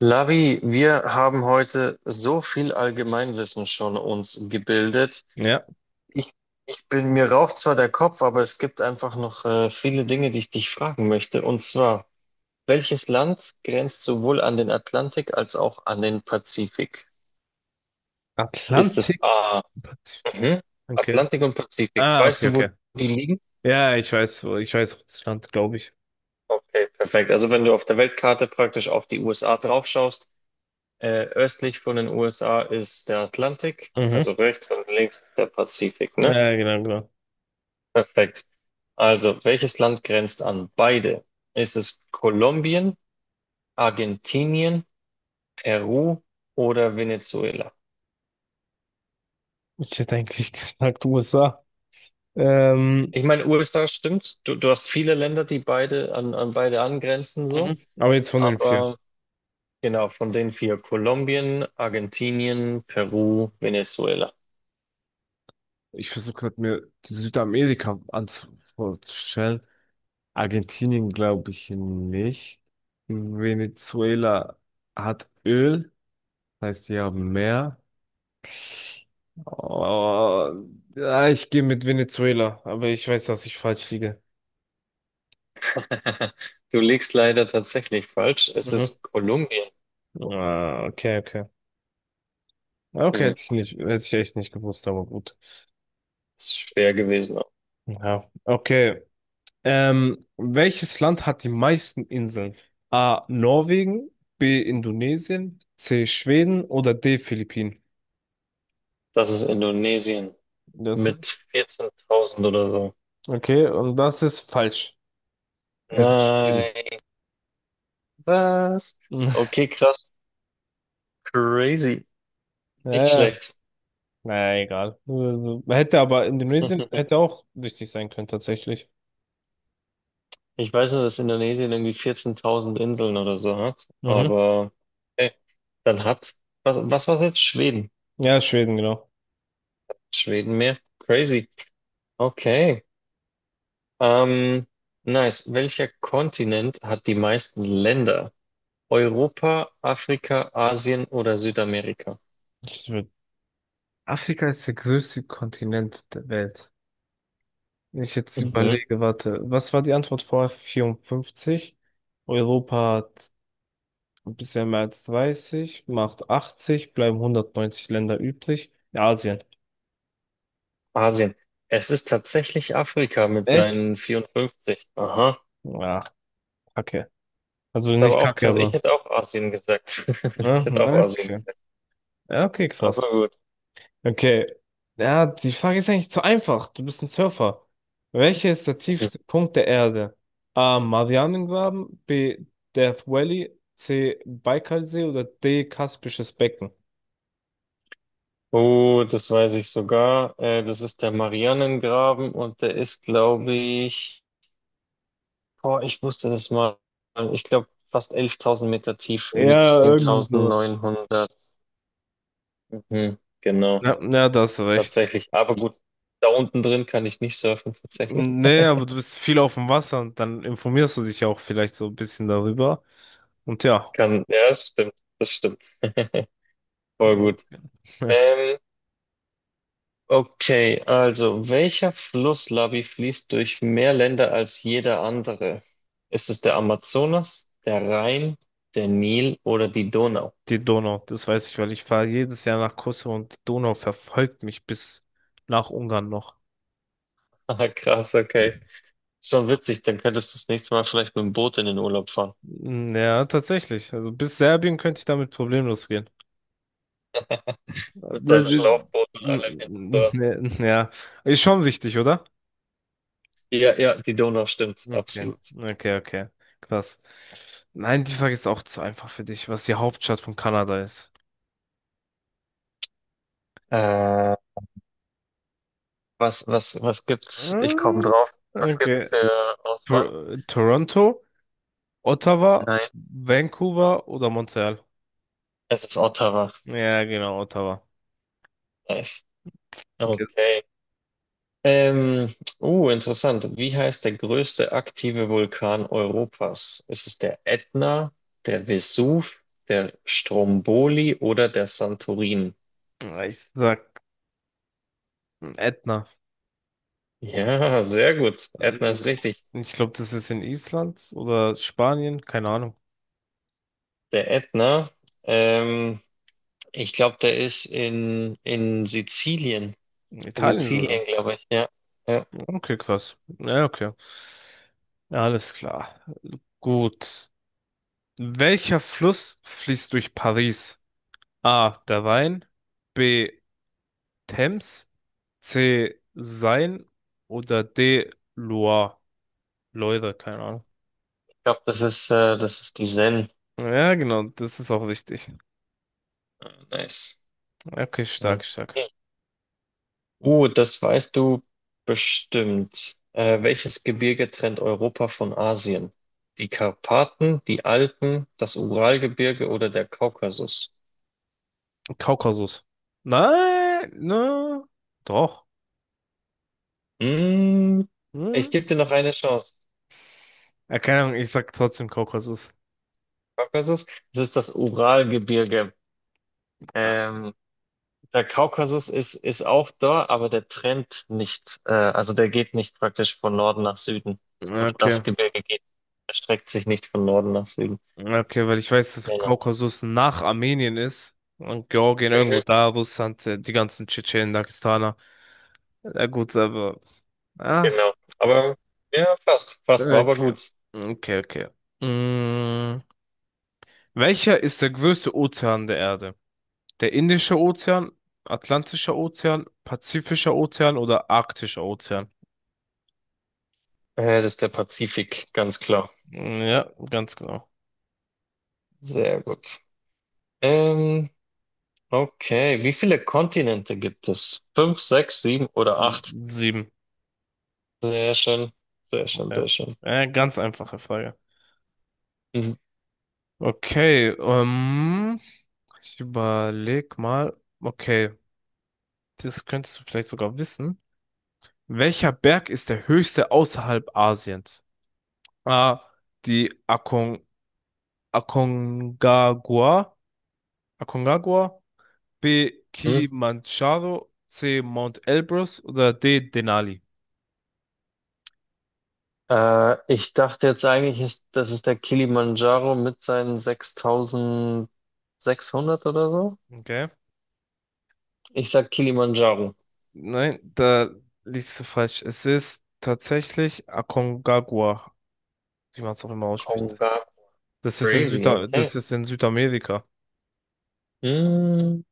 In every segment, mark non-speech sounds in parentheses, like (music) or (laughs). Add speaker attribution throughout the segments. Speaker 1: Lavi, wir haben heute so viel Allgemeinwissen schon uns gebildet.
Speaker 2: Ja.
Speaker 1: Ich, ich bin, mir raucht zwar der Kopf, aber es gibt einfach noch viele Dinge, die ich dich fragen möchte. Und zwar, welches Land grenzt sowohl an den Atlantik als auch an den Pazifik? Ist es
Speaker 2: Atlantik
Speaker 1: A,
Speaker 2: und Pazifik.
Speaker 1: mhm,
Speaker 2: Okay.
Speaker 1: Atlantik und Pazifik?
Speaker 2: Ah,
Speaker 1: Weißt
Speaker 2: okay,
Speaker 1: du, wo
Speaker 2: okay.
Speaker 1: die liegen?
Speaker 2: Ja, ich weiß, ich weiß auch das Land, glaube ich.
Speaker 1: Okay, perfekt. Also wenn du auf der Weltkarte praktisch auf die USA draufschaust. Östlich von den USA ist der Atlantik,
Speaker 2: Mhm.
Speaker 1: also rechts und links ist der Pazifik, ne?
Speaker 2: Ja, genau, genau.
Speaker 1: Perfekt. Also, welches Land grenzt an beide? Ist es Kolumbien, Argentinien, Peru oder Venezuela?
Speaker 2: Ich hätte eigentlich (laughs) gesagt USA. Ähm,
Speaker 1: Ich meine, USA stimmt. Du hast viele Länder, die beide an beide angrenzen, so.
Speaker 2: mhm. Aber jetzt von den vier.
Speaker 1: Aber genau, von den vier, Kolumbien, Argentinien, Peru, Venezuela.
Speaker 2: Ich versuche gerade mir die Südamerika anzustellen. Argentinien glaube ich nicht. Venezuela hat Öl, das heißt, die haben mehr. Oh, ja, ich gehe mit Venezuela, aber ich weiß, dass ich falsch liege.
Speaker 1: (laughs) Du liegst leider tatsächlich falsch. Es
Speaker 2: Mhm.
Speaker 1: ist Kolumbien.
Speaker 2: Ah, okay, okay. Okay,
Speaker 1: Hm.
Speaker 2: hätte ich nicht, hätte ich echt nicht gewusst, aber gut.
Speaker 1: Ist schwer gewesen.
Speaker 2: Ja, okay. Welches Land hat die meisten Inseln? A. Norwegen, B. Indonesien, C. Schweden oder D. Philippinen?
Speaker 1: Das ist Indonesien
Speaker 2: Das
Speaker 1: mit
Speaker 2: ist,
Speaker 1: 14.000 oder so.
Speaker 2: okay, und das ist falsch. Es ist Schweden.
Speaker 1: Nein, was?
Speaker 2: (laughs)
Speaker 1: Okay, krass. Crazy.
Speaker 2: Ja,
Speaker 1: Nicht
Speaker 2: ja,
Speaker 1: schlecht.
Speaker 2: naja, egal. Also, hätte aber Indonesien hätte auch wichtig sein können, tatsächlich.
Speaker 1: Ich weiß nur, dass Indonesien irgendwie 14.000 Inseln oder so hat,
Speaker 2: Mhm.
Speaker 1: aber okay. Dann hat, was war es jetzt? Schweden.
Speaker 2: Ja, Schweden, genau.
Speaker 1: Schweden mehr. Crazy. Okay. Ähm, nice. Welcher Kontinent hat die meisten Länder? Europa, Afrika, Asien oder Südamerika?
Speaker 2: Ich würd- Afrika ist der größte Kontinent der Welt. Ich jetzt
Speaker 1: Mhm.
Speaker 2: überlege, warte, was war die Antwort vorher? 54? Europa hat ein bisschen mehr als 30, macht 80, bleiben 190 Länder übrig. Ja, Asien.
Speaker 1: Asien. Es ist tatsächlich Afrika mit
Speaker 2: Echt?
Speaker 1: seinen 54. Aha. Ist
Speaker 2: Ja, kacke. Also nicht
Speaker 1: aber auch
Speaker 2: kacke,
Speaker 1: krass. Ich
Speaker 2: aber.
Speaker 1: hätte auch Asien gesagt. (laughs)
Speaker 2: Ja,
Speaker 1: Ich hätte auch Asien.
Speaker 2: okay. Ja, okay,
Speaker 1: Aber
Speaker 2: krass.
Speaker 1: gut.
Speaker 2: Okay. Ja, die Frage ist eigentlich zu einfach. Du bist ein Surfer. Welcher ist der tiefste Punkt der Erde? A. Marianengraben, B. Death Valley, C. Baikalsee oder D. Kaspisches Becken?
Speaker 1: Oh, das weiß ich sogar. Das ist der Marianengraben und der ist, glaube ich, boah, ich wusste das mal. Ich glaube, fast 11.000 Meter tief. Irgendwie
Speaker 2: Ja, irgendwie sowas.
Speaker 1: 10.900. Mhm, genau.
Speaker 2: Ja, ja, da hast du recht.
Speaker 1: Tatsächlich. Aber gut. Da unten drin kann ich nicht surfen, tatsächlich.
Speaker 2: Nee, aber du bist viel auf dem Wasser und dann informierst du dich ja auch vielleicht so ein bisschen darüber. Und ja,
Speaker 1: Kann, ja, das stimmt. Das stimmt. (laughs) Voll
Speaker 2: mhm.
Speaker 1: gut.
Speaker 2: (laughs)
Speaker 1: Ähm, okay, also welcher Fluss, Labi, fließt durch mehr Länder als jeder andere? Ist es der Amazonas, der Rhein, der Nil oder die Donau? (laughs)
Speaker 2: Die Donau, das weiß ich, weil ich fahre jedes Jahr nach Kosovo und die Donau verfolgt mich bis nach Ungarn noch.
Speaker 1: Ah, krass, okay. Schon witzig, dann könntest du das nächste Mal vielleicht mit dem Boot in den Urlaub fahren.
Speaker 2: Mm, ja, tatsächlich. Also bis Serbien könnte ich damit problemlos gehen.
Speaker 1: Mit seinem
Speaker 2: Das ist-
Speaker 1: Schlauchboot und
Speaker 2: n-
Speaker 1: allem hinten
Speaker 2: n- n-
Speaker 1: dran.
Speaker 2: (laughs) Ja, ist schon wichtig, oder?
Speaker 1: Ja, ja, die Donau stimmt,
Speaker 2: Okay,
Speaker 1: absolut.
Speaker 2: okay, okay. Krass. Nein, die Frage ist auch zu einfach für dich, was die Hauptstadt von Kanada ist.
Speaker 1: Äh, was gibt's? Ich komme
Speaker 2: Hm,
Speaker 1: drauf. Was gibt's
Speaker 2: okay.
Speaker 1: für Auswahl?
Speaker 2: Toronto, Ottawa,
Speaker 1: Nein,
Speaker 2: Vancouver oder Montreal?
Speaker 1: es ist Ottawa.
Speaker 2: Ja, genau, Ottawa.
Speaker 1: Nice.
Speaker 2: Okay.
Speaker 1: Okay. Ähm, interessant. Wie heißt der größte aktive Vulkan Europas? Ist es der Ätna, der Vesuv, der Stromboli oder der Santorin?
Speaker 2: Ja, ich sag Ätna.
Speaker 1: Ja, sehr gut. Ätna ist richtig.
Speaker 2: Ich glaube, das ist in Island oder Spanien, keine Ahnung.
Speaker 1: Der Ätna, ähm, ich glaube, der ist in Sizilien.
Speaker 2: Italien sogar.
Speaker 1: Sizilien, glaube ich, ja. Ja,
Speaker 2: Okay, krass. Ja, okay. Ja, alles klar. Gut. Welcher Fluss fließt durch Paris? A. Der Rhein, B. Thames, C. Seine oder D. Loire. Loire, keine Ahnung.
Speaker 1: ich glaube, das ist die Sen.
Speaker 2: Ja, genau, das ist auch wichtig.
Speaker 1: Ah, nice.
Speaker 2: Okay, stark, stark.
Speaker 1: Okay. Das weißt du bestimmt. Welches Gebirge trennt Europa von Asien? Die Karpaten, die Alpen, das Uralgebirge oder der Kaukasus?
Speaker 2: Kaukasus. Nein, ne, doch.
Speaker 1: Mm, ich
Speaker 2: Hm?
Speaker 1: gebe dir noch eine Chance.
Speaker 2: Ja, keine Ahnung, ich sag trotzdem Kaukasus.
Speaker 1: Kaukasus, das ist das Uralgebirge. Ähm, der Kaukasus ist auch da, aber der trennt nicht. Also der geht nicht praktisch von Norden nach Süden. Oder
Speaker 2: Okay,
Speaker 1: das Gebirge erstreckt sich nicht von Norden nach Süden.
Speaker 2: okay, weil ich weiß, dass
Speaker 1: Genau.
Speaker 2: Kaukasus nach Armenien ist und Georgien irgendwo da, Russland, die ganzen Tschetschenen, Dagestaner. Ja, gut, aber. Ach,
Speaker 1: Genau. Aber ja, fast, fast war aber
Speaker 2: okay.
Speaker 1: gut.
Speaker 2: Okay, okay. Mm, welcher ist der größte Ozean der Erde? Der Indische Ozean, Atlantischer Ozean, Pazifischer Ozean oder Arktischer Ozean?
Speaker 1: Das ist der Pazifik, ganz klar.
Speaker 2: Mm, ja, ganz genau.
Speaker 1: Sehr gut. Ähm, okay, wie viele Kontinente gibt es? Fünf, sechs, sieben oder
Speaker 2: S-
Speaker 1: acht?
Speaker 2: Sieben.
Speaker 1: Sehr schön, sehr schön,
Speaker 2: Okay.
Speaker 1: sehr schön.
Speaker 2: Ganz einfache Frage.
Speaker 1: Mhm.
Speaker 2: Okay, ich überleg mal. Okay, das könntest du vielleicht sogar wissen. Welcher Berg ist der höchste außerhalb Asiens? A. Die Akon Aconcagua. Aconcagua. B.
Speaker 1: Mhm.
Speaker 2: Kilimanjaro. C. Mount Elbrus. Oder D. Denali.
Speaker 1: Ich dachte jetzt eigentlich, das ist der Kilimanjaro mit seinen 6.600 oder so.
Speaker 2: Okay.
Speaker 1: Ich sag Kilimanjaro.
Speaker 2: Nein, da liegst du falsch. Es ist tatsächlich Aconcagua, wie man es auch immer ausspricht.
Speaker 1: Konga.
Speaker 2: Das ist in
Speaker 1: Crazy,
Speaker 2: Süda
Speaker 1: okay.
Speaker 2: das ist in Südamerika.
Speaker 1: Mhm.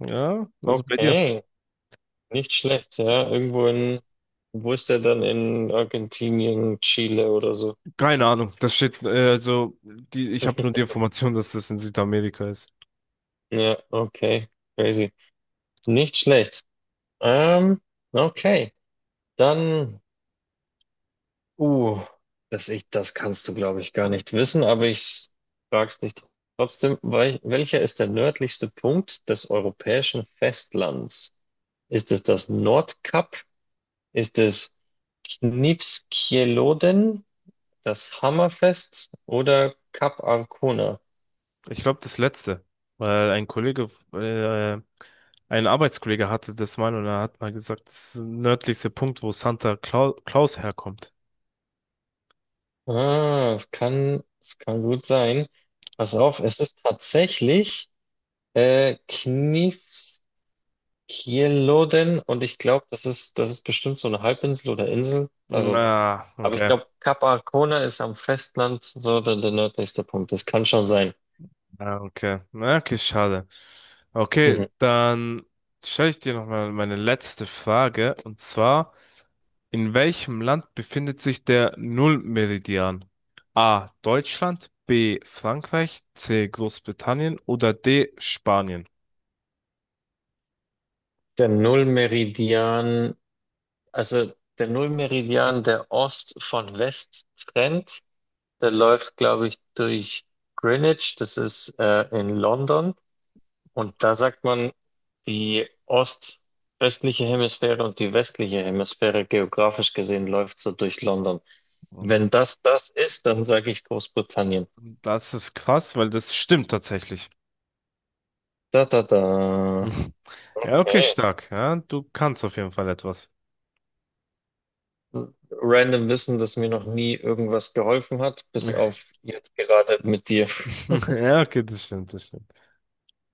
Speaker 2: Ja, also bei dir.
Speaker 1: Okay. Nicht schlecht, ja. Irgendwo wo ist der dann in Argentinien, Chile oder so?
Speaker 2: Keine Ahnung. Das steht, also die, ich habe nur die Information, dass das in Südamerika ist.
Speaker 1: Ja, okay. Crazy. Nicht schlecht. Ähm, okay. Dann, uh, das kannst du, glaube ich, gar nicht wissen, aber ich frag's dich trotzdem. Welcher ist der nördlichste Punkt des europäischen Festlands? Ist es das Nordkap? Ist es Knivskjelodden? Das Hammerfest oder Cap Arcona?
Speaker 2: Ich glaube, das letzte. Weil ein Kollege, ein Arbeitskollege hatte das mal und er hat mal gesagt, das ist der nördlichste Punkt, wo Claus herkommt.
Speaker 1: Ah, es kann gut sein. Pass auf, es ist tatsächlich Knifskjelodden und ich glaube, das ist bestimmt so eine Halbinsel oder Insel. Also,
Speaker 2: Ah,
Speaker 1: aber ich
Speaker 2: okay.
Speaker 1: glaube, Kap Arkona ist am Festland so der nördlichste Punkt. Das kann schon sein.
Speaker 2: Ah, okay. Na, okay, schade. Okay,
Speaker 1: Mhm.
Speaker 2: dann stelle ich dir nochmal meine letzte Frage. Und zwar, in welchem Land befindet sich der Nullmeridian? A. Deutschland, B. Frankreich, C. Großbritannien oder D. Spanien?
Speaker 1: Der Nullmeridian, also der Nullmeridian, der Ost von West trennt. Der läuft, glaube ich, durch Greenwich, das ist in London. Und da sagt man, die Ost östliche Hemisphäre und die westliche Hemisphäre geografisch gesehen läuft so durch London. Wenn das das ist, dann sage ich Großbritannien.
Speaker 2: Das ist krass, weil das stimmt tatsächlich.
Speaker 1: Da, da, da.
Speaker 2: (laughs) Ja, okay,
Speaker 1: Okay.
Speaker 2: stark. Ja, du kannst auf jeden Fall etwas.
Speaker 1: Random Wissen, das mir noch nie irgendwas geholfen hat, bis auf
Speaker 2: (laughs)
Speaker 1: jetzt gerade mit dir. (laughs)
Speaker 2: Ja, okay, das stimmt, das stimmt.